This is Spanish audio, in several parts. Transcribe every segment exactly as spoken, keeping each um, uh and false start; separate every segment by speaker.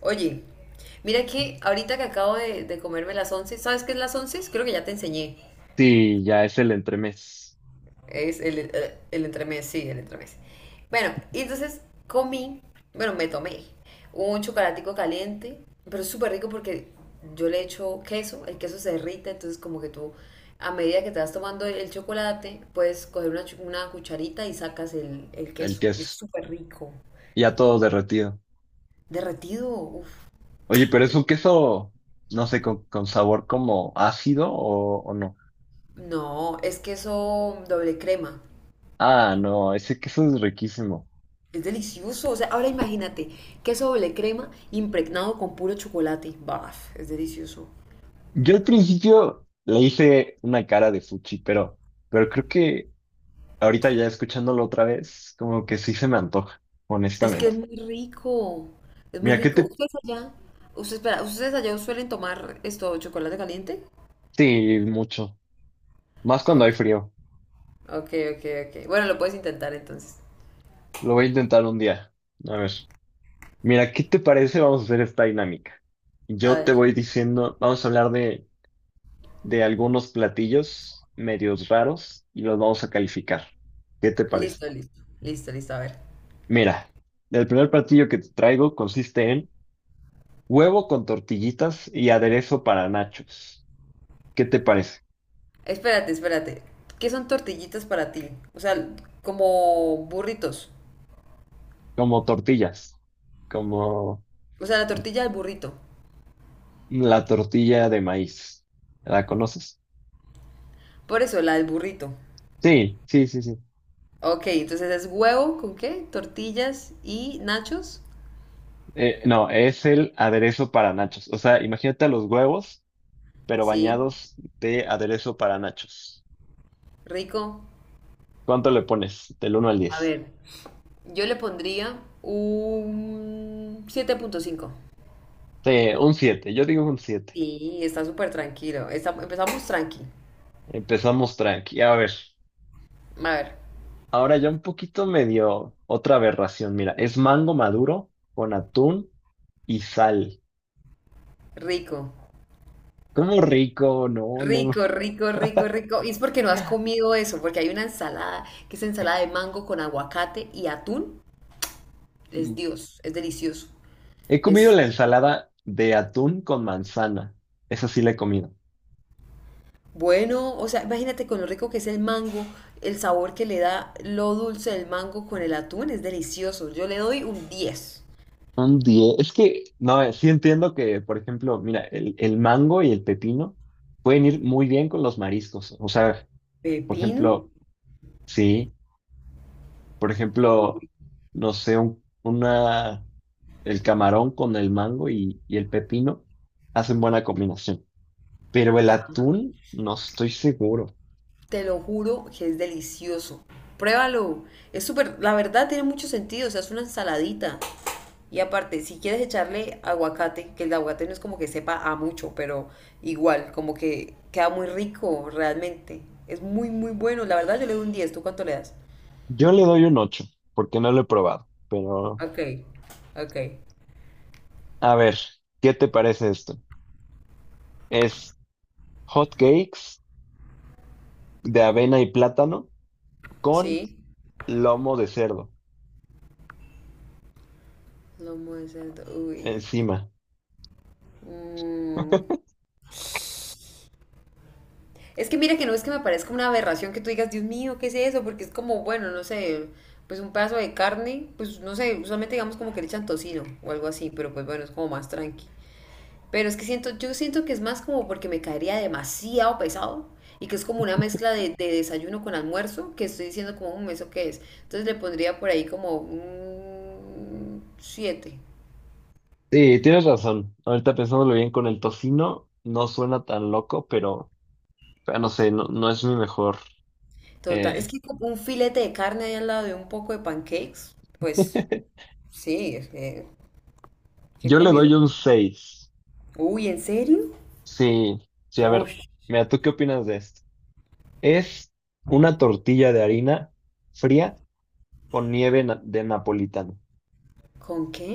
Speaker 1: Oye, mira que ahorita que acabo de, de comerme las once. ¿Sabes qué es las once? Creo que ya te enseñé.
Speaker 2: Sí, ya es el entremés,
Speaker 1: Es el, eh, el entremés, sí, el entremés. Bueno, y entonces comí, bueno, me tomé un chocolatico caliente, pero es súper rico porque yo le echo queso, el queso se derrite, entonces como que tú, a medida que te vas tomando el chocolate, puedes coger una, chu- una cucharita y sacas el, el
Speaker 2: el
Speaker 1: queso. Y es
Speaker 2: queso,
Speaker 1: súper rico.
Speaker 2: ya todo derretido.
Speaker 1: Derretido, uff.
Speaker 2: Oye, pero es un queso, no sé, con, con sabor como ácido o, o no.
Speaker 1: No, es queso doble crema.
Speaker 2: Ah, no, ese queso es riquísimo.
Speaker 1: Es delicioso. O sea, ahora imagínate, queso doble crema impregnado con puro chocolate. Baf, es delicioso.
Speaker 2: Yo al principio le hice una cara de fuchi, pero, pero creo que ahorita ya escuchándolo otra vez, como que sí se me antoja,
Speaker 1: Es que es
Speaker 2: honestamente.
Speaker 1: muy rico. Es muy
Speaker 2: Mira, que
Speaker 1: rico.
Speaker 2: te...
Speaker 1: ¿Ustedes allá? Usted, espera, ¿ustedes allá suelen tomar esto, chocolate caliente?
Speaker 2: Sí, mucho. Más cuando hay
Speaker 1: Ok,
Speaker 2: frío.
Speaker 1: ok, ok, ok. Bueno, lo puedes intentar entonces.
Speaker 2: Lo voy a intentar un día. A ver. Mira, ¿qué te parece? Vamos a hacer esta dinámica.
Speaker 1: A
Speaker 2: Yo te
Speaker 1: ver.
Speaker 2: voy diciendo, vamos a hablar de, de algunos platillos medios raros y los vamos a calificar. ¿Qué te parece?
Speaker 1: Listo, listo. Listo, listo. A ver.
Speaker 2: Mira, el primer platillo que te traigo consiste en huevo con tortillitas y aderezo para nachos. ¿Qué te parece?
Speaker 1: Espérate, espérate. ¿Qué son tortillitas para ti? O sea, como burritos.
Speaker 2: Como tortillas, como
Speaker 1: O sea, la
Speaker 2: tor-
Speaker 1: tortilla del burrito.
Speaker 2: la tortilla de maíz. ¿La conoces?
Speaker 1: Por eso, la del burrito.
Speaker 2: Sí, sí, sí, sí.
Speaker 1: Ok, entonces es huevo con qué? Tortillas y nachos.
Speaker 2: Eh, no, es el aderezo para nachos. O sea, imagínate a los huevos pero
Speaker 1: Sí,
Speaker 2: bañados de aderezo para nachos.
Speaker 1: rico.
Speaker 2: ¿Cuánto le pones? Del uno al
Speaker 1: A
Speaker 2: diez.
Speaker 1: ver, yo le pondría un siete punto cinco.
Speaker 2: Sí, un siete. Yo digo un siete.
Speaker 1: Sí, está súper tranquilo. Está- empezamos tranqui.
Speaker 2: Empezamos tranqui. A ver,
Speaker 1: A ver,
Speaker 2: ahora ya un poquito medio otra aberración. Mira, es mango maduro con atún y sal.
Speaker 1: rico.
Speaker 2: ¡Cómo rico! No, no, no.
Speaker 1: Rico, rico, rico, rico. Y es porque no has comido eso, porque hay una ensalada que es ensalada de mango con aguacate y atún. Es
Speaker 2: Mm.
Speaker 1: Dios, es delicioso.
Speaker 2: He comido
Speaker 1: Es
Speaker 2: la ensalada de atún con manzana. Esa sí la he comido.
Speaker 1: Bueno, o sea, imagínate con lo rico que es el mango, el sabor que le da lo dulce del mango con el atún, es delicioso. Yo le doy un diez.
Speaker 2: Un diez. Es que, no, eh, sí entiendo que, por ejemplo, mira, el, el mango y el pepino pueden ir muy bien con los mariscos. O sea, por
Speaker 1: Pepino,
Speaker 2: ejemplo, sí, por ejemplo, no sé, un- una, el camarón con el mango y, y el pepino hacen buena combinación. Pero el atún, no estoy seguro.
Speaker 1: te lo juro que es delicioso. Pruébalo. Es súper, la verdad tiene mucho sentido, o sea, es una ensaladita. Y aparte, si quieres echarle aguacate, que el aguacate no es como que sepa a mucho, pero igual, como que queda muy rico realmente. Es muy, muy bueno. La verdad, yo le doy un diez. ¿Tú cuánto le das?
Speaker 2: Yo le doy un ocho porque no lo he probado. Pero,
Speaker 1: Ok, ok.
Speaker 2: a ver, ¿qué te parece esto? Es hot cakes de avena y plátano con
Speaker 1: Sí.
Speaker 2: lomo de cerdo
Speaker 1: Lomo de cerdo, uy.
Speaker 2: encima.
Speaker 1: Mm. Es que mira que no es que me parezca una aberración que tú digas, Dios mío, ¿qué es eso? Porque es como, bueno, no sé, pues un pedazo de carne, pues no sé, usualmente digamos como que le echan tocino o algo así, pero pues bueno, es como más tranqui. Pero es que siento, yo siento que es más como porque me caería demasiado pesado y que es como una mezcla de, de desayuno con almuerzo, que estoy diciendo como, un ¿eso qué es? Entonces le pondría por ahí como un siete.
Speaker 2: Sí, tienes razón. Ahorita pensándolo bien con el tocino, no suena tan loco, pero... Pero no sé, no, no es mi mejor.
Speaker 1: Total, es
Speaker 2: eh,
Speaker 1: que como un filete de carne ahí al lado de un poco de pancakes, pues sí, es que, qué
Speaker 2: Yo le
Speaker 1: comido.
Speaker 2: doy un seis.
Speaker 1: Uy, ¿en serio?
Speaker 2: Sí, sí, a ver,
Speaker 1: Uy,
Speaker 2: mira, ¿tú qué opinas de esto? Es una tortilla de harina fría con nieve na- de napolitano,
Speaker 1: ¿con qué?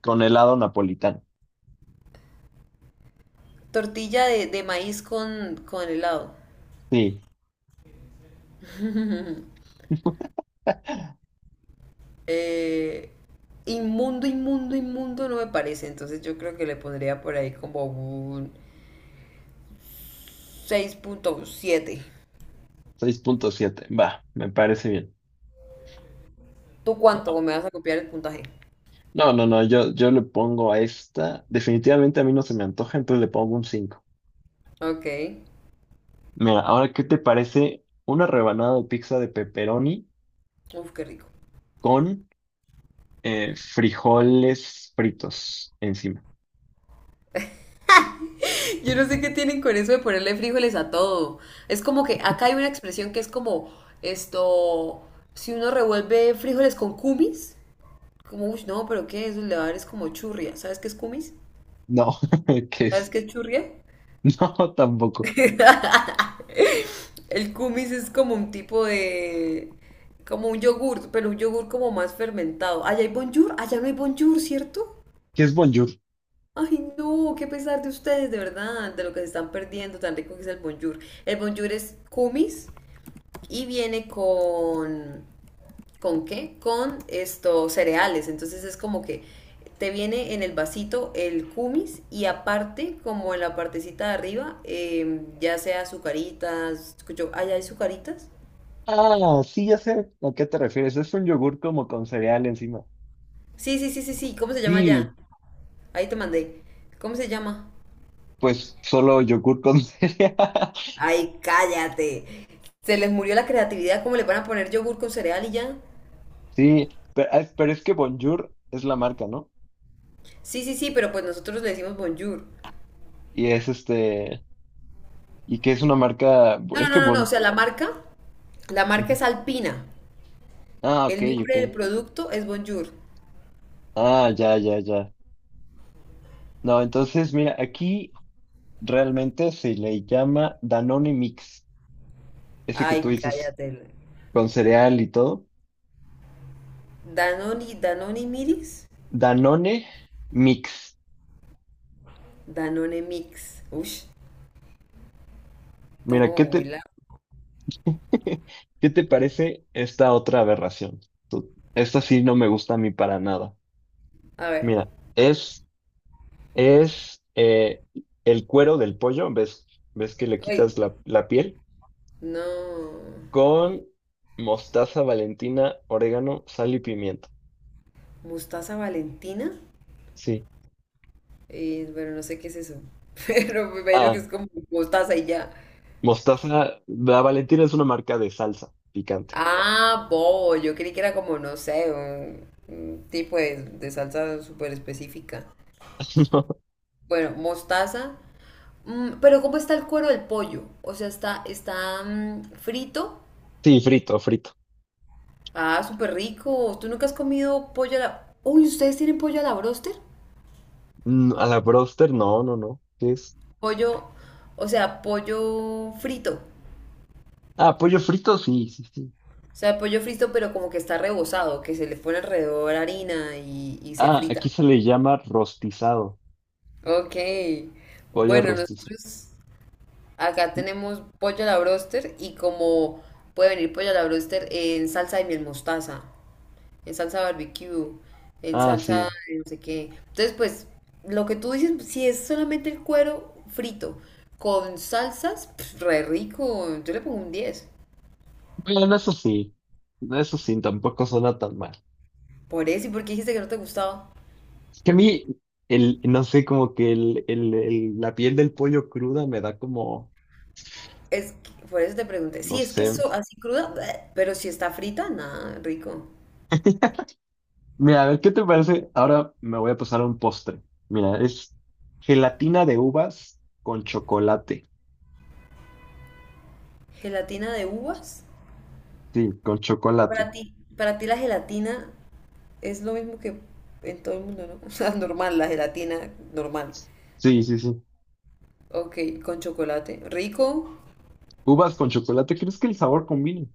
Speaker 2: con helado napolitano.
Speaker 1: Tortilla de, de maíz con, con helado.
Speaker 2: Sí,
Speaker 1: Eh, inmundo, inmundo, inmundo no me parece, entonces yo creo que le pondría por ahí como un seis punto siete.
Speaker 2: seis punto siete. Va, me parece bien.
Speaker 1: ¿Tú cuánto? ¿O me vas a copiar el puntaje?
Speaker 2: No, no, no, yo, yo le pongo a esta, definitivamente a mí no se me antoja, entonces le pongo un cinco.
Speaker 1: Ok,
Speaker 2: Mira, ahora, ¿qué te parece una rebanada de pizza de pepperoni
Speaker 1: uf, qué rico.
Speaker 2: con eh, frijoles fritos encima.
Speaker 1: Yo no sé qué tienen con eso de ponerle frijoles a todo. Es como que acá hay una expresión que es como esto, si uno revuelve frijoles con cumis, como, uy, no, pero ¿qué? Eso le va a dar es como churria. ¿Sabes qué es cumis?
Speaker 2: No, ¿qué
Speaker 1: ¿Sabes
Speaker 2: es?
Speaker 1: qué es churria?
Speaker 2: No, tampoco.
Speaker 1: El kumis es como un tipo de como un yogur, pero un yogur como más fermentado. Allá hay bonjour, allá no hay bonjour, ¿cierto?
Speaker 2: ¿Qué es bonjour?
Speaker 1: Ay, no, qué pesar de ustedes, de verdad, de lo que se están perdiendo, tan rico que es el bonjour. El bonjour es kumis, y viene con, ¿con qué? Con estos cereales, entonces es como que te viene en el vasito el kumis y aparte, como en la partecita de arriba, eh, ya sea azucaritas, escucho, ¿allá hay azucaritas?
Speaker 2: Ah, sí, ya sé a qué te refieres. Es un yogur como con cereal encima.
Speaker 1: Sí, sí, sí, sí, sí, ¿cómo se llama allá?
Speaker 2: Sí,
Speaker 1: Ahí te mandé. ¿Cómo se llama?
Speaker 2: pues solo yogur con cereal.
Speaker 1: Ay, cállate. Se les murió la creatividad, ¿cómo le van a poner yogur con cereal y ya?
Speaker 2: Sí, pero, ah, pero es que bonjour es la marca, ¿no?
Speaker 1: Sí, sí, sí, pero pues nosotros le decimos bonjour.
Speaker 2: Y es este, y que es una marca,
Speaker 1: No, no,
Speaker 2: es que
Speaker 1: no, no, no, o
Speaker 2: bon...
Speaker 1: sea, la marca, la marca
Speaker 2: Ujú.
Speaker 1: es Alpina.
Speaker 2: Ah, ok,
Speaker 1: El
Speaker 2: ok.
Speaker 1: nombre del producto es Bonjour.
Speaker 2: Ah, ya, ya, ya. No, entonces, mira, aquí realmente se le llama Danone Mix. Ese que tú
Speaker 1: Ay,
Speaker 2: dices
Speaker 1: cállate.
Speaker 2: con cereal y todo,
Speaker 1: Danone, Danone Miris,
Speaker 2: Danone Mix.
Speaker 1: Danone Mix. Ush, está
Speaker 2: Mira, ¿qué
Speaker 1: como muy
Speaker 2: te,
Speaker 1: largo.
Speaker 2: qué te parece esta otra aberración? Tú- esta sí no me gusta a mí para nada.
Speaker 1: A ver.
Speaker 2: Mira, es, es eh, el cuero del pollo, ¿ves? ¿Ves que le
Speaker 1: Ay,
Speaker 2: quitas la, la piel?
Speaker 1: no.
Speaker 2: Con mostaza, Valentina, orégano, sal y pimienta.
Speaker 1: Mostaza Valentina.
Speaker 2: Sí.
Speaker 1: Eh, bueno, no sé qué es eso. Pero me imagino que
Speaker 2: Ah,
Speaker 1: es como mostaza y ya.
Speaker 2: mostaza, la Valentina es una marca de salsa picante.
Speaker 1: Ah, bobo. Yo creí que era como, no sé, un, un tipo de, de salsa súper específica. Bueno, mostaza. Mm, pero ¿cómo está el cuero del pollo? O sea, está, está mm, frito.
Speaker 2: Sí, frito, frito.
Speaker 1: Ah, súper rico. ¿Tú nunca has comido pollo a la... Uy, ¿ustedes tienen pollo a la broster?
Speaker 2: Mm, a la broster, no, no, no. ¿Qué es?
Speaker 1: Pollo, o sea, pollo frito.
Speaker 2: Ah, pollo frito, sí, sí, sí.
Speaker 1: O sea, pollo frito, pero como que está rebozado, que se le pone alrededor harina y, y se
Speaker 2: Ah, aquí
Speaker 1: frita.
Speaker 2: se le llama rostizado.
Speaker 1: Ok.
Speaker 2: Pollo
Speaker 1: Bueno,
Speaker 2: rostizado.
Speaker 1: nosotros acá tenemos pollo a la broster y como puede venir pollo a la broster en salsa de miel mostaza. El salsa barbecue, el
Speaker 2: Ah,
Speaker 1: salsa
Speaker 2: sí.
Speaker 1: de no sé qué. Entonces, pues, lo que tú dices, si es solamente el cuero frito con salsas, pf, re rico. Yo le pongo un diez.
Speaker 2: Bueno, eso sí. Eso sí, tampoco suena tan mal.
Speaker 1: Por eso, ¿y por qué dijiste que no te gustaba?
Speaker 2: Es que a mí, el, no sé, como que el, el, el- la piel del pollo cruda me da como,
Speaker 1: Es que- por eso te pregunté.
Speaker 2: no
Speaker 1: Si es que
Speaker 2: sé.
Speaker 1: eso así cruda, bleh, pero si está frita, nada, rico.
Speaker 2: Mira, a ver, ¿qué te parece? Ahora me voy a pasar a un postre. Mira, es gelatina de uvas con chocolate.
Speaker 1: ¿Gelatina de uvas?
Speaker 2: Sí, con
Speaker 1: Para
Speaker 2: chocolate.
Speaker 1: ti, para ti la gelatina es lo mismo que en todo el mundo, ¿no? O sea, normal, la gelatina normal.
Speaker 2: Sí, sí, sí.
Speaker 1: Ok, con chocolate. Rico.
Speaker 2: Uvas con chocolate, ¿crees que el sabor combine?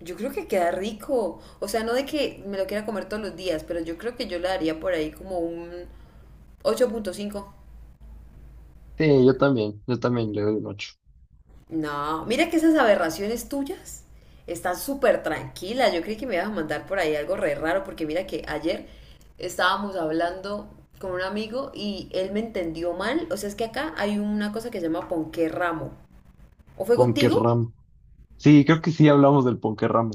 Speaker 1: Yo creo que queda rico. O sea, no de que me lo quiera comer todos los días, pero yo creo que yo le daría por ahí como un ocho punto cinco.
Speaker 2: Sí, yo también, yo también le doy un ocho.
Speaker 1: No, mira que esas aberraciones tuyas están súper tranquilas. Yo creí que me ibas a mandar por ahí algo re raro, porque mira que ayer estábamos hablando con un amigo y él me entendió mal. O sea, es que acá hay una cosa que se llama ponqué ramo. ¿O fue contigo?
Speaker 2: Ponquerramo. Sí, creo que sí hablamos del ponquerramo.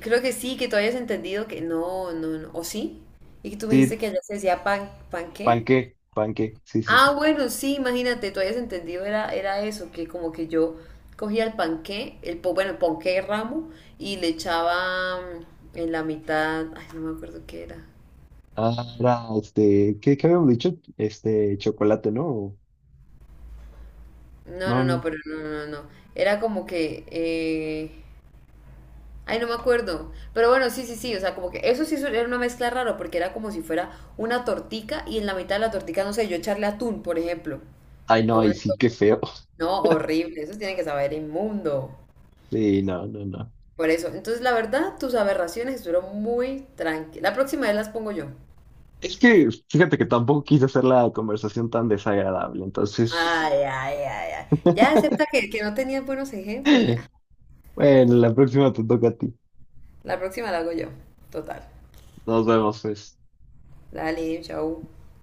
Speaker 1: Creo que sí, que tú habías entendido que no, no, no. ¿O sí? Y que tú me dijiste
Speaker 2: Sí,
Speaker 1: que allá se decía pan, ¿pan qué?
Speaker 2: panqué, panqué, sí, sí,
Speaker 1: Ah,
Speaker 2: sí.
Speaker 1: bueno, sí, imagínate, tú habías entendido, era, era eso, que como que yo cogía el panqué, el, po- bueno, el ponqué ramo, y le echaba mm, en la mitad, ay, no me acuerdo qué era.
Speaker 2: Ah, era, este, ¿qué, qué habíamos dicho? Este, chocolate, ¿no? O...
Speaker 1: No,
Speaker 2: No,
Speaker 1: no, no,
Speaker 2: no.
Speaker 1: pero no, no, no. No. Era como que, eh, ay, no me acuerdo. Pero bueno, sí, sí, sí, o sea, como que eso sí era una mezcla rara, porque era como si fuera una tortica, y en la mitad de la tortica, no sé, yo echarle atún, por ejemplo,
Speaker 2: Ay,
Speaker 1: a
Speaker 2: no, ay,
Speaker 1: una
Speaker 2: sí, qué
Speaker 1: torta.
Speaker 2: feo.
Speaker 1: No, horrible, eso tiene que saber inmundo.
Speaker 2: Sí, no, no, no.
Speaker 1: Por eso. Entonces, la verdad, tus aberraciones estuvieron muy tranquilas. La próxima vez las pongo yo.
Speaker 2: Es que, fíjate que tampoco quise hacer la conversación tan desagradable, entonces,
Speaker 1: Ay, ay, ay, ay. Ya acepta que, que no tenías buenos ejemplos, ya.
Speaker 2: bueno, la próxima te toca a ti.
Speaker 1: La próxima la hago yo. Total.
Speaker 2: Nos vemos, pues.
Speaker 1: Dale, chau.